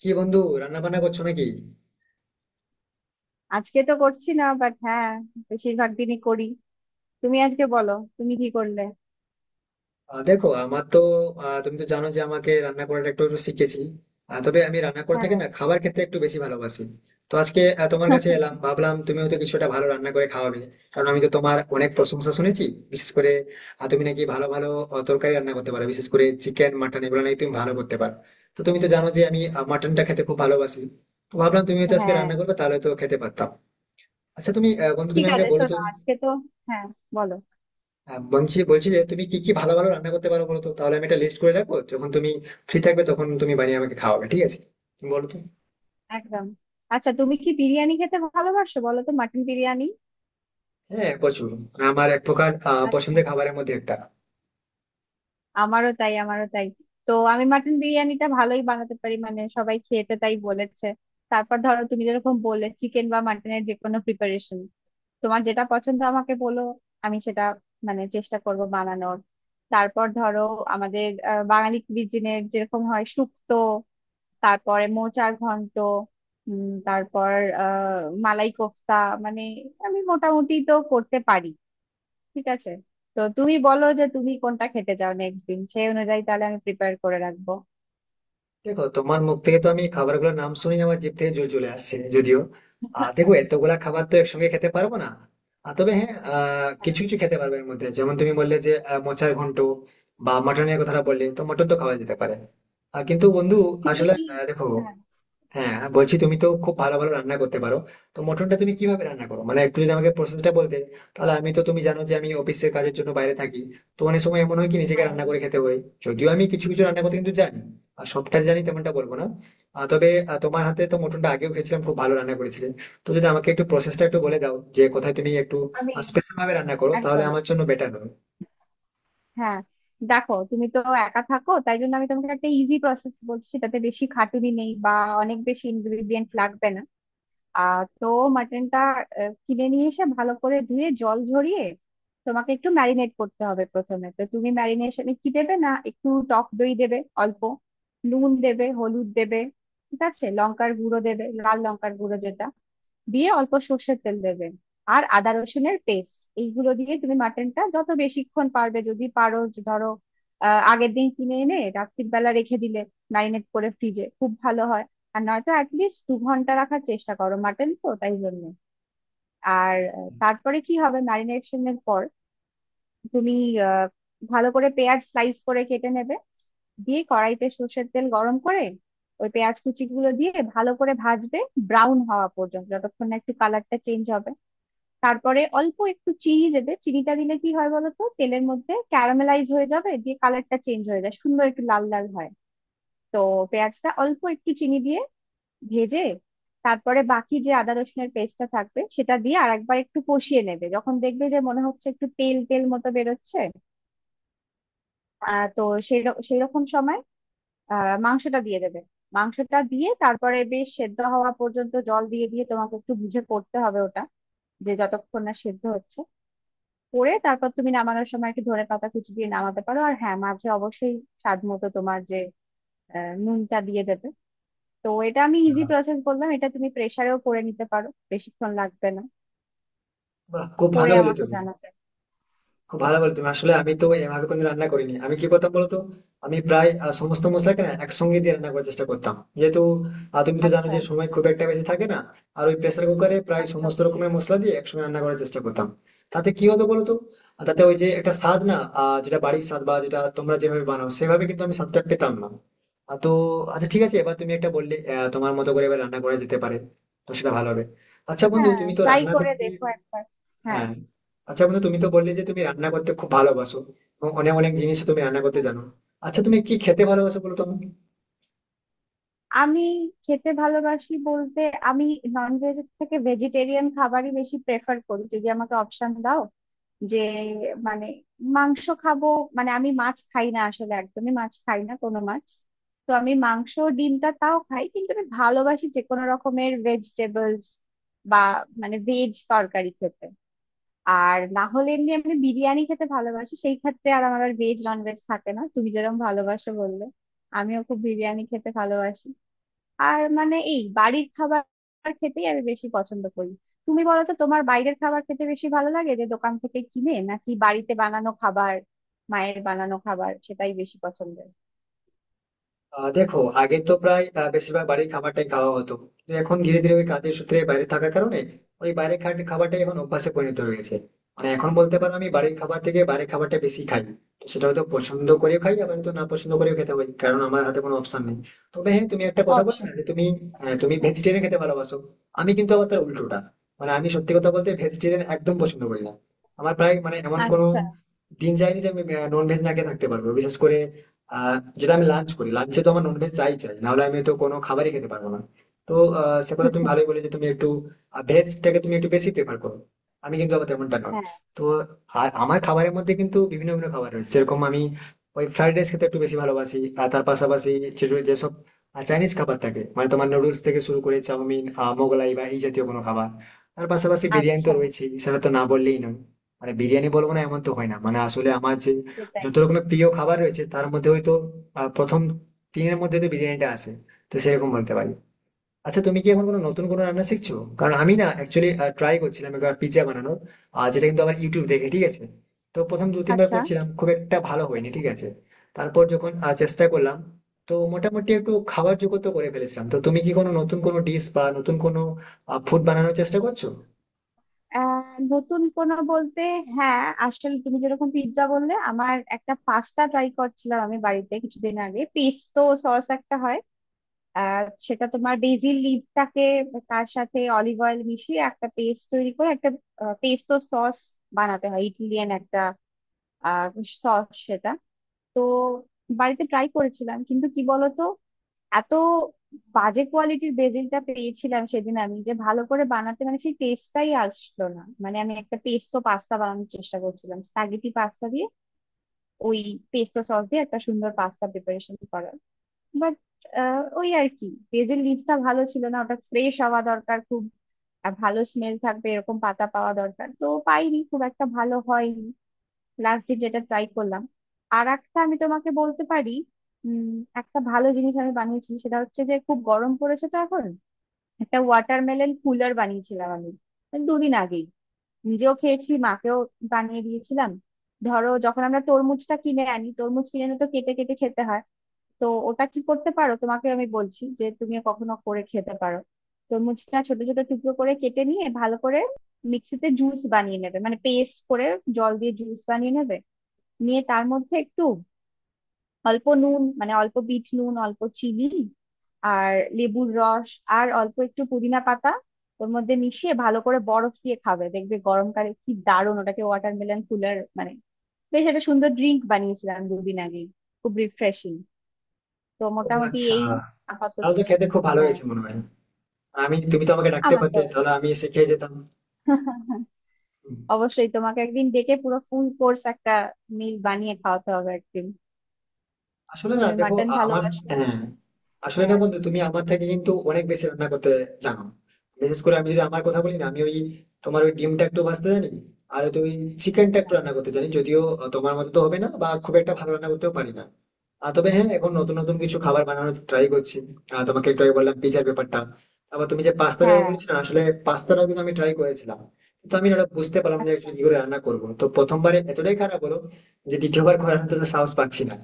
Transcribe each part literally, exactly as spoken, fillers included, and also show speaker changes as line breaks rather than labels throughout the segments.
কি বন্ধু, রান্না বান্না করছো নাকি?
আজকে তো করছি না, বাট হ্যাঁ, বেশিরভাগ দিনই করি। তুমি আজকে বলো, তুমি কি করলে?
আহ, দেখো আমার তো, আহ, তুমি তো জানো যে আমাকে রান্না করাটা একটু একটু শিখেছি। আহ, তবে আমি রান্না করে থাকি
হ্যাঁ।
না, খাবার খেতে একটু বেশি ভালোবাসি। তো আজকে আহ, তোমার কাছে এলাম, ভাবলাম তুমিও তো কিছুটা ভালো রান্না করে খাওয়াবে। কারণ আমি তো তোমার অনেক প্রশংসা শুনেছি, বিশেষ করে আহ, তুমি নাকি ভালো ভালো আহ, তরকারি রান্না করতে পারো, বিশেষ করে চিকেন মাটন এগুলো নাকি তুমি ভালো করতে পারো। তো তুমি তো জানো যে আমি মাটনটা খেতে খুব ভালোবাসি। তো ভাবলাম তুমি হয়তো আজকে
হ্যাঁ,
রান্না করবে, তাহলে তো খেতে পারতাম। আচ্ছা তুমি আহ, বন্ধু,
ঠিক
তুমি আমাকে
আছে,
বলো তো,
শোনো আজকে তো হ্যাঁ, বলো।
আহ, বলছি বলছি যে তুমি কি কি ভালো ভালো রান্না করতে পারো বলো তো, তাহলে আমি একটা লিস্ট করে রাখবো। যখন তুমি ফ্রি থাকবে তখন তুমি বানিয়ে আমাকে খাওয়াবে, ঠিক আছে? তুমি বলো তো।
একদম। আচ্ছা, তুমি কি বিরিয়ানি খেতে ভালোবাসো বলো তো? মাটন বিরিয়ানি?
হ্যাঁ, প্রচুর। মানে আমার এক প্রকার আহ,
আচ্ছা,
পছন্দের খাবারের মধ্যে একটা।
আমারও তাই, আমারও তাই। তো আমি মাটন বিরিয়ানিটা ভালোই বানাতে পারি, মানে সবাই খেতে তাই বলেছে। তারপর ধরো, তুমি যেরকম বললে চিকেন বা মাটনের যে কোনো প্রিপারেশন, তোমার যেটা পছন্দ আমাকে বলো, আমি সেটা মানে চেষ্টা করব বানানোর। তারপর ধরো, আমাদের আহ, বাঙালি কুইজিনের যেরকম হয়, শুক্তো, তারপরে মোচার ঘন্ট, উম, তারপর আহ মালাই কোফতা, মানে আমি মোটামুটি তো করতে পারি। ঠিক আছে, তো তুমি বলো যে তুমি কোনটা খেতে চাও নেক্সট দিন, সেই অনুযায়ী তাহলে আমি প্রিপেয়ার করে রাখবো।
দেখো তোমার মুখ থেকে তো আমি খাবারগুলোর নাম শুনেই আমার জিভ থেকে জল চলে আসছে। যদিও আহ দেখো, এতগুলা খাবার তো একসঙ্গে খেতে পারবো না। আহ, তবে হ্যাঁ, আহ কিছু
হ্যাঁ,
কিছু খেতে পারবে এর মধ্যে, যেমন তুমি বললে যে আহ, মোচার ঘন্ট বা মটনের কথাটা বললে, তো মটন তো খাওয়া যেতে পারে। আহ, কিন্তু বন্ধু,
তুমি
আসলে
কি
আহ, দেখো,
হ্যাঁ,
হ্যাঁ আর বলছি, তুমি তো খুব ভালো ভালো রান্না করতে পারো, তো মটনটা তুমি কিভাবে রান্না করো মানে একটু যদি আমাকে প্রসেসটা বলতে। তাহলে আমি তো, তুমি জানো যে আমি অফিসের কাজের জন্য বাইরে থাকি, তো অনেক সময় এমন হয় কি নিজেকে
হ্যাঁ,
রান্না করে খেতে হয়। যদিও আমি কিছু কিছু রান্না করতে কিন্তু জানি, আর সবটা জানি তেমনটা বলবো না। আহ, তবে আহ, তোমার হাতে তো মটনটা আগেও খেয়েছিলাম, খুব ভালো রান্না করেছিলে। তো যদি আমাকে একটু প্রসেসটা একটু বলে দাও যে কোথায় তুমি একটু
আমি
স্পেশাল ভাবে রান্না করো, তাহলে
একদম।
আমার জন্য বেটার হবে।
হ্যাঁ, দেখো তুমি তো একা থাকো, তাই জন্য আমি তোমাকে একটা ইজি প্রসেস বলছি, তাতে বেশি খাটুনি নেই বা অনেক বেশি ইনগ্রেডিয়েন্ট লাগবে না। আহ তো মাটনটা আহ, কিনে নিয়ে এসে ভালো করে ধুয়ে জল ঝরিয়ে তোমাকে একটু ম্যারিনেট করতে হবে প্রথমে। তো তুমি ম্যারিনেশনে কি দেবে না, একটু টক দই দেবে অল্প, নুন দেবে, হলুদ দেবে, ঠিক আছে, লঙ্কার গুঁড়ো দেবে, লাল লঙ্কার গুঁড়ো যেটা, দিয়ে অল্প সর্ষের তেল দেবে, আর আদা রসুনের পেস্ট। এইগুলো দিয়ে তুমি মাটনটা যত বেশিক্ষণ পারবে, যদি পারো যে ধরো আহ, আগের দিন কিনে এনে রাত্রির বেলা রেখে দিলে ম্যারিনেট করে ফ্রিজে, খুব ভালো হয়। আর নয়তো অ্যাটলিস্ট দু ঘন্টা রাখার চেষ্টা করো, মাটন তো তাই জন্য। আর আহ, তারপরে কি হবে ম্যারিনেশনের পর, তুমি আহ, ভালো করে পেঁয়াজ স্লাইস করে কেটে নেবে, দিয়ে কড়াইতে সর্ষের তেল গরম করে ওই পেঁয়াজ কুচিগুলো দিয়ে ভালো করে ভাজবে, ব্রাউন হওয়া পর্যন্ত, যতক্ষণ না একটু কালারটা চেঞ্জ হবে। তারপরে অল্প একটু চিনি দেবে, চিনিটা দিলে কি হয় বলতো, তেলের মধ্যে ক্যারামেলাইজ হয়ে যাবে, দিয়ে কালারটা চেঞ্জ হয়ে যায়, সুন্দর একটু লাল লাল হয়। তো পেঁয়াজটা অল্প একটু চিনি দিয়ে ভেজে, তারপরে বাকি যে আদা রসুনের পেস্টটা থাকবে সেটা দিয়ে আরেকবার একটু কষিয়ে নেবে। যখন দেখবে যে মনে হচ্ছে একটু তেল তেল মতো বেরোচ্ছে, আহ তো সেই সেই রকম সময় আহ মাংসটা দিয়ে দেবে। মাংসটা দিয়ে তারপরে বেশ সেদ্ধ হওয়া পর্যন্ত জল দিয়ে দিয়ে তোমাকে একটু বুঝে করতে হবে ওটা, যে যতক্ষণ না সেদ্ধ হচ্ছে করে, তারপর তুমি নামানোর সময় একটু ধনে পাতা কুচি দিয়ে নামাতে পারো। আর হ্যাঁ, মাঝে অবশ্যই স্বাদ মতো তোমার যে আহ, নুনটা দিয়ে দেবে। তো এটা আমি ইজি
আচ্ছা,
প্রসেস বললাম, এটা তুমি প্রেসারেও করে নিতে পারো, বেশিক্ষণ লাগবে না।
বাহ, খুব ভালো
করে
বলে
আমাকে
তুমি।
জানাবে।
খুব ভালো বলে
হুম।
তুমি। আসলে আমি তো এভাবে কোনো রান্না করিনি। আমি কি করতাম বলতো, আমি প্রায় আহ, সমস্ত মশলাকে না একসঙ্গে দিয়ে রান্না করার চেষ্টা করতাম, যেহেতু আহ, তুমি তো জানো
আচ্ছা।
যে সময় খুব একটা বেশি থাকে না। আর ওই প্রেসার কুকারে প্রায়
একদম।
সমস্ত রকমের মশলা দিয়ে একসঙ্গে রান্না করার চেষ্টা করতাম। তাতে কি হতো বলতো, আর তাতে ওই যে একটা স্বাদ না, আহ, যেটা বাড়ির স্বাদ বা যেটা তোমরা যেভাবে বানাও সেভাবে কিন্তু আমি স্বাদটা পেতাম না। আহ, তো আচ্ছা ঠিক আছে, এবার তুমি একটা বললে, আহ, তোমার মতো করে এবার রান্না করা যেতে পারে, তো সেটা ভালো হবে। আচ্ছা বন্ধু
হ্যাঁ,
তুমি তো
ট্রাই
রান্না
করে
করতে,
দেখো একবার। হ্যাঁ।
হ্যাঁ। আচ্ছা বন্ধু, তুমি তো বললে যে তুমি রান্না করতে খুব ভালোবাসো এবং অনেক অনেক জিনিস তুমি রান্না করতে
হ্যাঁ।
জানো। আচ্ছা, তুমি কি খেতে ভালোবাসো বলো তো আমাকে?
আমি খেতে ভালোবাসি বলতে, আমি নন ভেজ থেকে ভেজিটেরিয়ান খাবারই বেশি প্রেফার করি, যদি আমাকে অপশন দাও। যে মানে মাংস খাবো মানে, আমি মাছ খাই না আসলে, একদমই মাছ খাই না, কোনো মাছ। তো আমি মাংস ডিমটা তাও খাই, কিন্তু আমি ভালোবাসি যে কোনো রকমের ভেজিটেবলস বা মানে ভেজ তরকারি খেতে। আর না হলে এমনি আমি বিরিয়ানি খেতে ভালোবাসি, সেই ক্ষেত্রে আর আমার আর ভেজ নন ভেজ থাকে না। তুমি যেরকম ভালোবাসো বললে, আমিও খুব বিরিয়ানি খেতে ভালোবাসি। আর মানে এই বাড়ির খাবার খেতেই আমি বেশি পছন্দ করি। তুমি বলো তো, তোমার বাইরের খাবার খেতে বেশি ভালো লাগে, যে দোকান থেকে কিনে, নাকি বাড়িতে বানানো খাবার? মায়ের বানানো খাবার সেটাই বেশি পছন্দের।
আহ দেখো, আগে তো প্রায় আহ, বেশিরভাগ বাড়ির খাবারটাই খাওয়া হতো। তো এখন ধীরে ধীরে ওই কাজের সূত্রে
আচ্ছা।
বাইরে থাকার কারণে ওই বাইরের খা- খাবারটাই এখন অভ্যাসে পরিণত হয়ে গেছে। মানে এখন বলতে পারো আমি বাড়ির
সেটাই।
খাবার থেকে বাইরের খাবারটা বেশি খাই। তো সেটা হয়তো পছন্দ করেও খাই, আবার হয়তো না পছন্দ করেও খেতে পারি, কারণ আমার হাতে কোনো অপশন নেই। তবে হ্যাঁ, তুমি একটা কথা বলে
অপশন।
না যে তুমি আহ, তুমি
হ্যাঁ।
ভেজিটেরিয়ান খেতে ভালোবাসো, আমি কিন্তু আবার তার উল্টোটা। মানে আমি সত্যি কথা বলতে ভেজিটেরিয়ান একদম পছন্দ করি না। আমার প্রায় মানে এমন কোনো
আচ্ছা।
দিন যায়নি যে আমি নন ভেজ না খেয়ে থাকতে পারবো। বিশেষ করে আহ যেটা আমি লাঞ্চ করি, লাঞ্চে তো আমার ননভেজ চাই চাই, নাহলে আমি তো কোনো খাবারই খেতে পারবো না। তো আহ, সে কথা তুমি ভালোই বলে যে তুমি একটু ভেজটাকে তুমি একটু বেশি প্রেফার করো, আমি কিন্তু আবার তেমনটা নয়।
হ্যাঁ।
তো আর আমার খাবারের মধ্যে কিন্তু বিভিন্ন বিভিন্ন খাবার রয়েছে, যেরকম আমি ওই ফ্রাইড রাইস খেতে একটু বেশি ভালোবাসি। আর তার পাশাপাশি যে- যেসব চাইনিজ খাবার থাকে, মানে তোমার নুডলস থেকে শুরু করে চাউমিন, আহ, মোগলাই বা এই জাতীয় কোনো খাবার। তার পাশাপাশি বিরিয়ানি তো
আচ্ছা।
রয়েছেই, সেটা তো না বললেই নয়। মানে বিরিয়ানি বলবো না এমন তো হয় না। মানে আসলে আমার যে
সেটাই।
যত রকমের প্রিয় খাবার রয়েছে, তার মধ্যে হয়তো আহ, প্রথম তিনের মধ্যে তো বিরিয়ানিটা আসে। তো সেরকম বলতে পারি। আচ্ছা, তুমি কি এখন কোনো নতুন কোনো রান্না শিখছো? কারণ আমি না অ্যাকচুয়ালি ট্রাই করছিলাম একবার পিৎজা বানানোর, আর যেটা কিন্তু আমার ইউটিউব দেখে, ঠিক আছে? তো প্রথম দু তিনবার
আচ্ছা।
করছিলাম, খুব একটা ভালো হয়নি, ঠিক আছে? তারপর যখন আহ, চেষ্টা করলাম, তো মোটামুটি একটু খাবার জগত করে ফেলেছিলাম। তো তুমি কি কোনো নতুন কোনো ডিশ বা নতুন কোনো ফুড বানানোর চেষ্টা করছো?
আহ নতুন কোনো বলতে হ্যাঁ, আসলে তুমি যেরকম পিৎজা বললে, আমার একটা পাস্তা ট্রাই করছিলাম আমি বাড়িতে কিছুদিন আগে। পেস্তো সস একটা হয়, আর সেটা তোমার বেজিল লিভটাকে তার সাথে অলিভ অয়েল মিশিয়ে একটা পেস্ট তৈরি করে একটা পেস্তো সস বানাতে হয়, ইটালিয়ান একটা সস সেটা। তো বাড়িতে ট্রাই করেছিলাম, কিন্তু কি বলতো, এত বাজে কোয়ালিটির বেজিলটা পেয়েছিলাম সেদিন আমি, যে ভালো করে বানাতে মানে সেই টেস্টটাই আসলো না। মানে আমি একটা পেস্তো পাস্তা বানানোর চেষ্টা করছিলাম স্প্যাগেটি পাস্তা দিয়ে, ওই পেস্তো সস দিয়ে একটা সুন্দর পাস্তা প্রিপারেশন করার। বাট ওই আর কি, পেঁয়াজের লিভটা ভালো ছিল না, ওটা ফ্রেশ হওয়া দরকার খুব, আর ভালো স্মেল থাকবে এরকম পাতা পাওয়া দরকার, তো পাইনি, খুব একটা ভালো হয়নি লাস্ট দিন যেটা ট্রাই করলাম। আর একটা আমি তোমাকে বলতে পারি, উম একটা ভালো জিনিস আমি বানিয়েছি, সেটা হচ্ছে যে খুব গরম পড়েছে তো এখন, একটা ওয়াটারমেলন কুলার বানিয়েছিলাম আমি দুদিন আগেই। নিজেও খেয়েছি, মাকেও বানিয়ে দিয়েছিলাম। ধরো যখন আমরা তরমুজটা কিনে আনি, তরমুজ কিনে এনে তো কেটে কেটে খেতে হয়। তো ওটা কি করতে পারো তোমাকে আমি বলছি, যে তুমি কখনো করে খেতে পারো। তরমুজটা ছোট ছোট টুকরো করে কেটে নিয়ে, ভালো করে মিক্সিতে জুস বানিয়ে নেবে মানে পেস্ট করে, জল দিয়ে জুস বানিয়ে নেবে। নিয়ে তার মধ্যে একটু অল্প নুন, মানে অল্প বিট নুন, অল্প চিনি, আর লেবুর রস, আর অল্প একটু পুদিনা পাতা ওর মধ্যে মিশিয়ে, ভালো করে বরফ দিয়ে খাবে। দেখবে গরমকালে কি দারুণ, ওটাকে ওয়াটারমেলন কুলার মানে বেশ একটা সুন্দর ড্রিঙ্ক বানিয়েছিলাম দুদিন আগে, খুব রিফ্রেশিং। তো
ও
মোটামুটি
আচ্ছা,
এই
তাহলে
আপাতত।
তো খেতে খুব ভালো
হ্যাঁ।
হয়েছে মনে হয়। আমি, তুমি তো আমাকে ডাকতে
আমার
পারতে,
তো
তাহলে
ভালো।
আমি এসে খেয়ে যেতাম। হুম।
অবশ্যই তোমাকে একদিন ডেকে পুরো ফুল কোর্স একটা মিল বানিয়ে খাওয়াতে হবে একদিন।
আসলে না
তুমি
দেখো,
মাটন
আ- আমার,
ভালোবাসো?
হ্যাঁ, আসলে না
হ্যাঁ।
বন্ধু তুমি আমার থেকে কিন্তু অনেক বেশি রান্না করতে জানো। বিশেষ করে আমি যদি আমার কথা বলি না, আমি ওই তোমার ওই ডিমটা একটু ভাজতে জানি, আর তুমি চিকেনটা
আচ্ছা।
একটু রান্না করতে জানি, যদিও আহ, তোমার মতো তো হবে না বা খুব একটা ভালো রান্না করতেও পারি না। আহ, তবে হ্যাঁ, এখন নতুন নতুন কিছু খাবার বানানোর ট্রাই করছি। আহ, তোমাকে একটু আগে বললাম পিজার ব্যাপারটা, তারপর তুমি যে পাস্তার ব্যাপার
হ্যাঁ।
বলেছি না, আসলে পাস্তাটাও কিন্তু আমি ট্রাই করেছিলাম, কিন্তু আমি না ওটা বুঝতে পারলাম না
আচ্ছা।
actually কি করে রান্না করবো। তো প্রথমবারে এতটাই খারাপ হলো যে দ্বিতীয়বার করার তো সাহস পাচ্ছি না।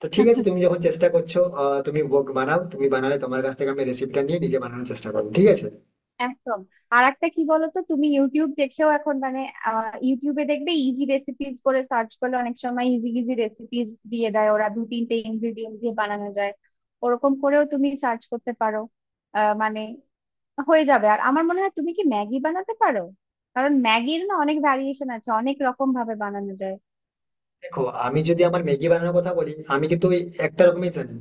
তো ঠিক আছে, তুমি যখন চেষ্টা করছো, আহ, তুমি ভোগ বানাও, তুমি বানালে তোমার কাছ থেকে আমি রেসিপিটা নিয়ে নিজে বানানোর চেষ্টা করবো, ঠিক আছে?
একদম। আর একটা কি বলতো, তুমি ইউটিউব দেখেও এখন মানে আহ, ইউটিউবে দেখবে ইজি রেসিপিস করে সার্চ করলে অনেক সময় ইজি ইজি রেসিপিস দিয়ে দেয় ওরা, দু তিনটে ইনগ্রিডিয়েন্ট দিয়ে বানানো যায়। ওরকম করেও তুমি সার্চ করতে পারো। আহ, মানে হয়ে যাবে। আর আমার মনে হয় তুমি কি ম্যাগি বানাতে পারো? কারণ ম্যাগির না অনেক ভ্যারিয়েশন আছে, অনেক রকম ভাবে বানানো যায়।
দেখো, আমি যদি আমার ম্যাগি বানানোর কথা বলি, আমি কিন্তু ওই একটা রকমই জানি।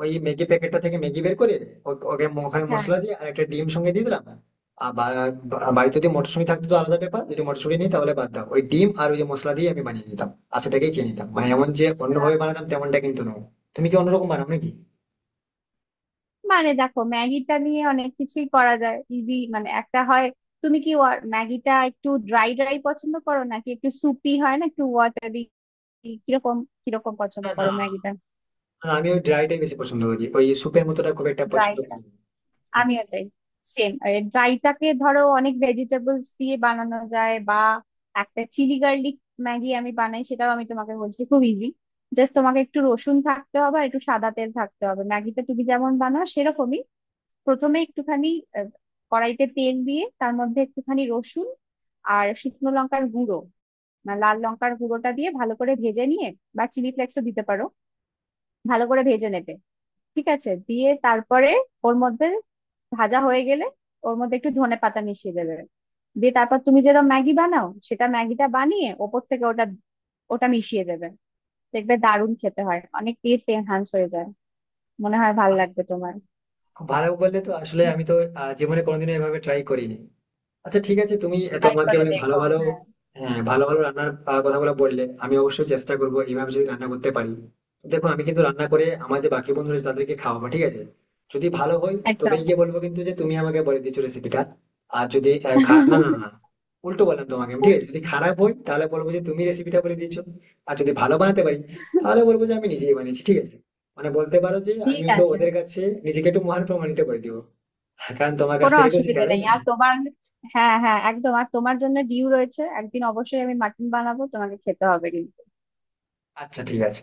ওই ম্যাগি প্যাকেটটা থেকে ম্যাগি বের করে ও- ওকে ম- ওখানে
হ্যাঁ।
মশলা দিয়ে আর একটা ডিম সঙ্গে দিয়ে দিলাম। আর বা- বা- বাড়িতে যদি মটরশুঁটি থাকতো তো আলাদা ব্যাপার, যদি মটরশুঁটি নেই তাহলে বাদ দাও, ওই ডিম আর ওই যে মশলা দিয়ে আমি বানিয়ে নিতাম। আর সেটাকে খেয়ে নিতাম, মানে এমন যে
আচ্ছা।
অন্যভাবে বানাতাম তেমনটা কিন্তু নয়। তুমি কি অন্যরকম বানাও নাকি?
মানে দেখো ম্যাগিটা নিয়ে অনেক কিছুই করা যায় ইজি, মানে একটা হয়। তুমি কি ওয়া- ম্যাগিটা একটু ড্রাই ড্রাই পছন্দ করো নাকি একটু সুপি, হয় না একটু ওয়াটারি, কিরকম, কিরকম পছন্দ
না না
করো ম্যাগিটা?
না, আমি ওই ড্রাইটাই বেশি পছন্দ করি, ওই স্যুপের মতোটা খুব একটা
ড্রাই?
পছন্দ করি না।
আমিও তাই, সেম। ড্রাইটাকে ধরো অনেক ভেজিটেবলস দিয়ে বানানো যায়, বা একটা চিলি গার্লিক ম্যাগি আমি বানাই, সেটাও আমি তোমাকে বলছি খুব ইজি। জাস্ট তোমাকে একটু রসুন থাকতে হবে আর একটু সাদা তেল থাকতে হবে। ম্যাগিটা তুমি যেমন বানাও সেরকমই। প্রথমে একটুখানি আহ, কড়াইতে তেল দিয়ে, তার মধ্যে একটুখানি রসুন আর শুকনো লঙ্কার গুঁড়ো না, লাল লঙ্কার গুঁড়োটা দিয়ে ভালো করে ভেজে নিয়ে, বা চিলি ফ্লেক্সও দিতে পারো, ভালো করে ভেজে নেবে। ঠিক আছে, দিয়ে তারপরে ওর মধ্যে ভাজা হয়ে গেলে ওর মধ্যে একটু ধনে পাতা মিশিয়ে দেবে। দিয়ে তারপর তুমি যেটা ম্যাগি বানাও সেটা ম্যাগিটা বানিয়ে ওপর থেকে ওটা ওটা মিশিয়ে দেবে। দেখবে দারুণ খেতে হয়, অনেক টেস্ট এনহান্স হয়ে যায়। মনে হয় ভালো লাগবে তোমার।
খুব ভালো বললে তো, আসলে আমি তো আহ, জীবনে কোনোদিনও এভাবে ট্রাই করিনি। আচ্ছা ঠিক আছে, তুমি এত
ট্রাই
আমাকে
করে
অনেক ভালো
দেখো,
ভালো,
হ্যাঁ।
হ্যাঁ ভালো ভালো রান্নার আহ, কথাগুলো বললে, আমি অবশ্যই চেষ্টা করবো এইভাবে যদি রান্না করতে পারি। দেখো আমি কিন্তু রান্না করে আমার যে বাকি বন্ধুরা আছে তাদেরকে খাওয়াবো, ঠিক আছে? যদি ভালো হয়
একদম।
তবেই গিয়ে বলবো কিন্তু যে তুমি আমাকে বলে দিয়েছো রেসিপিটা। আর যদি আহ, খা- না না না, উল্টো বললাম তোমাকে আমি, ঠিক আছে, যদি খারাপ হয় তাহলে বলবো যে তুমি রেসিপিটা বলে দিয়েছো। আর যদি ভালো বানাতে পারি, তাহলে বলবো যে আমি নিজেই বানিয়েছি, ঠিক আছে? মানে বলতে পারো যে আমি
ঠিক
তো
আছে,
ওদের কাছে নিজেকে একটু মহান প্রমাণিত করে দিব, কারণ তোমার কাছ
কোনো
থেকেই তো
অসুবিধা
শিখা যায়
নেই।
না।
আর তোমার হ্যাঁ, হ্যাঁ, একদম, আর তোমার জন্য ডিউ রয়েছে, একদিন অবশ্যই আমি মাটন বানাবো, তোমাকে খেতে হবে কিন্তু।
আচ্ছা ঠিক আছে।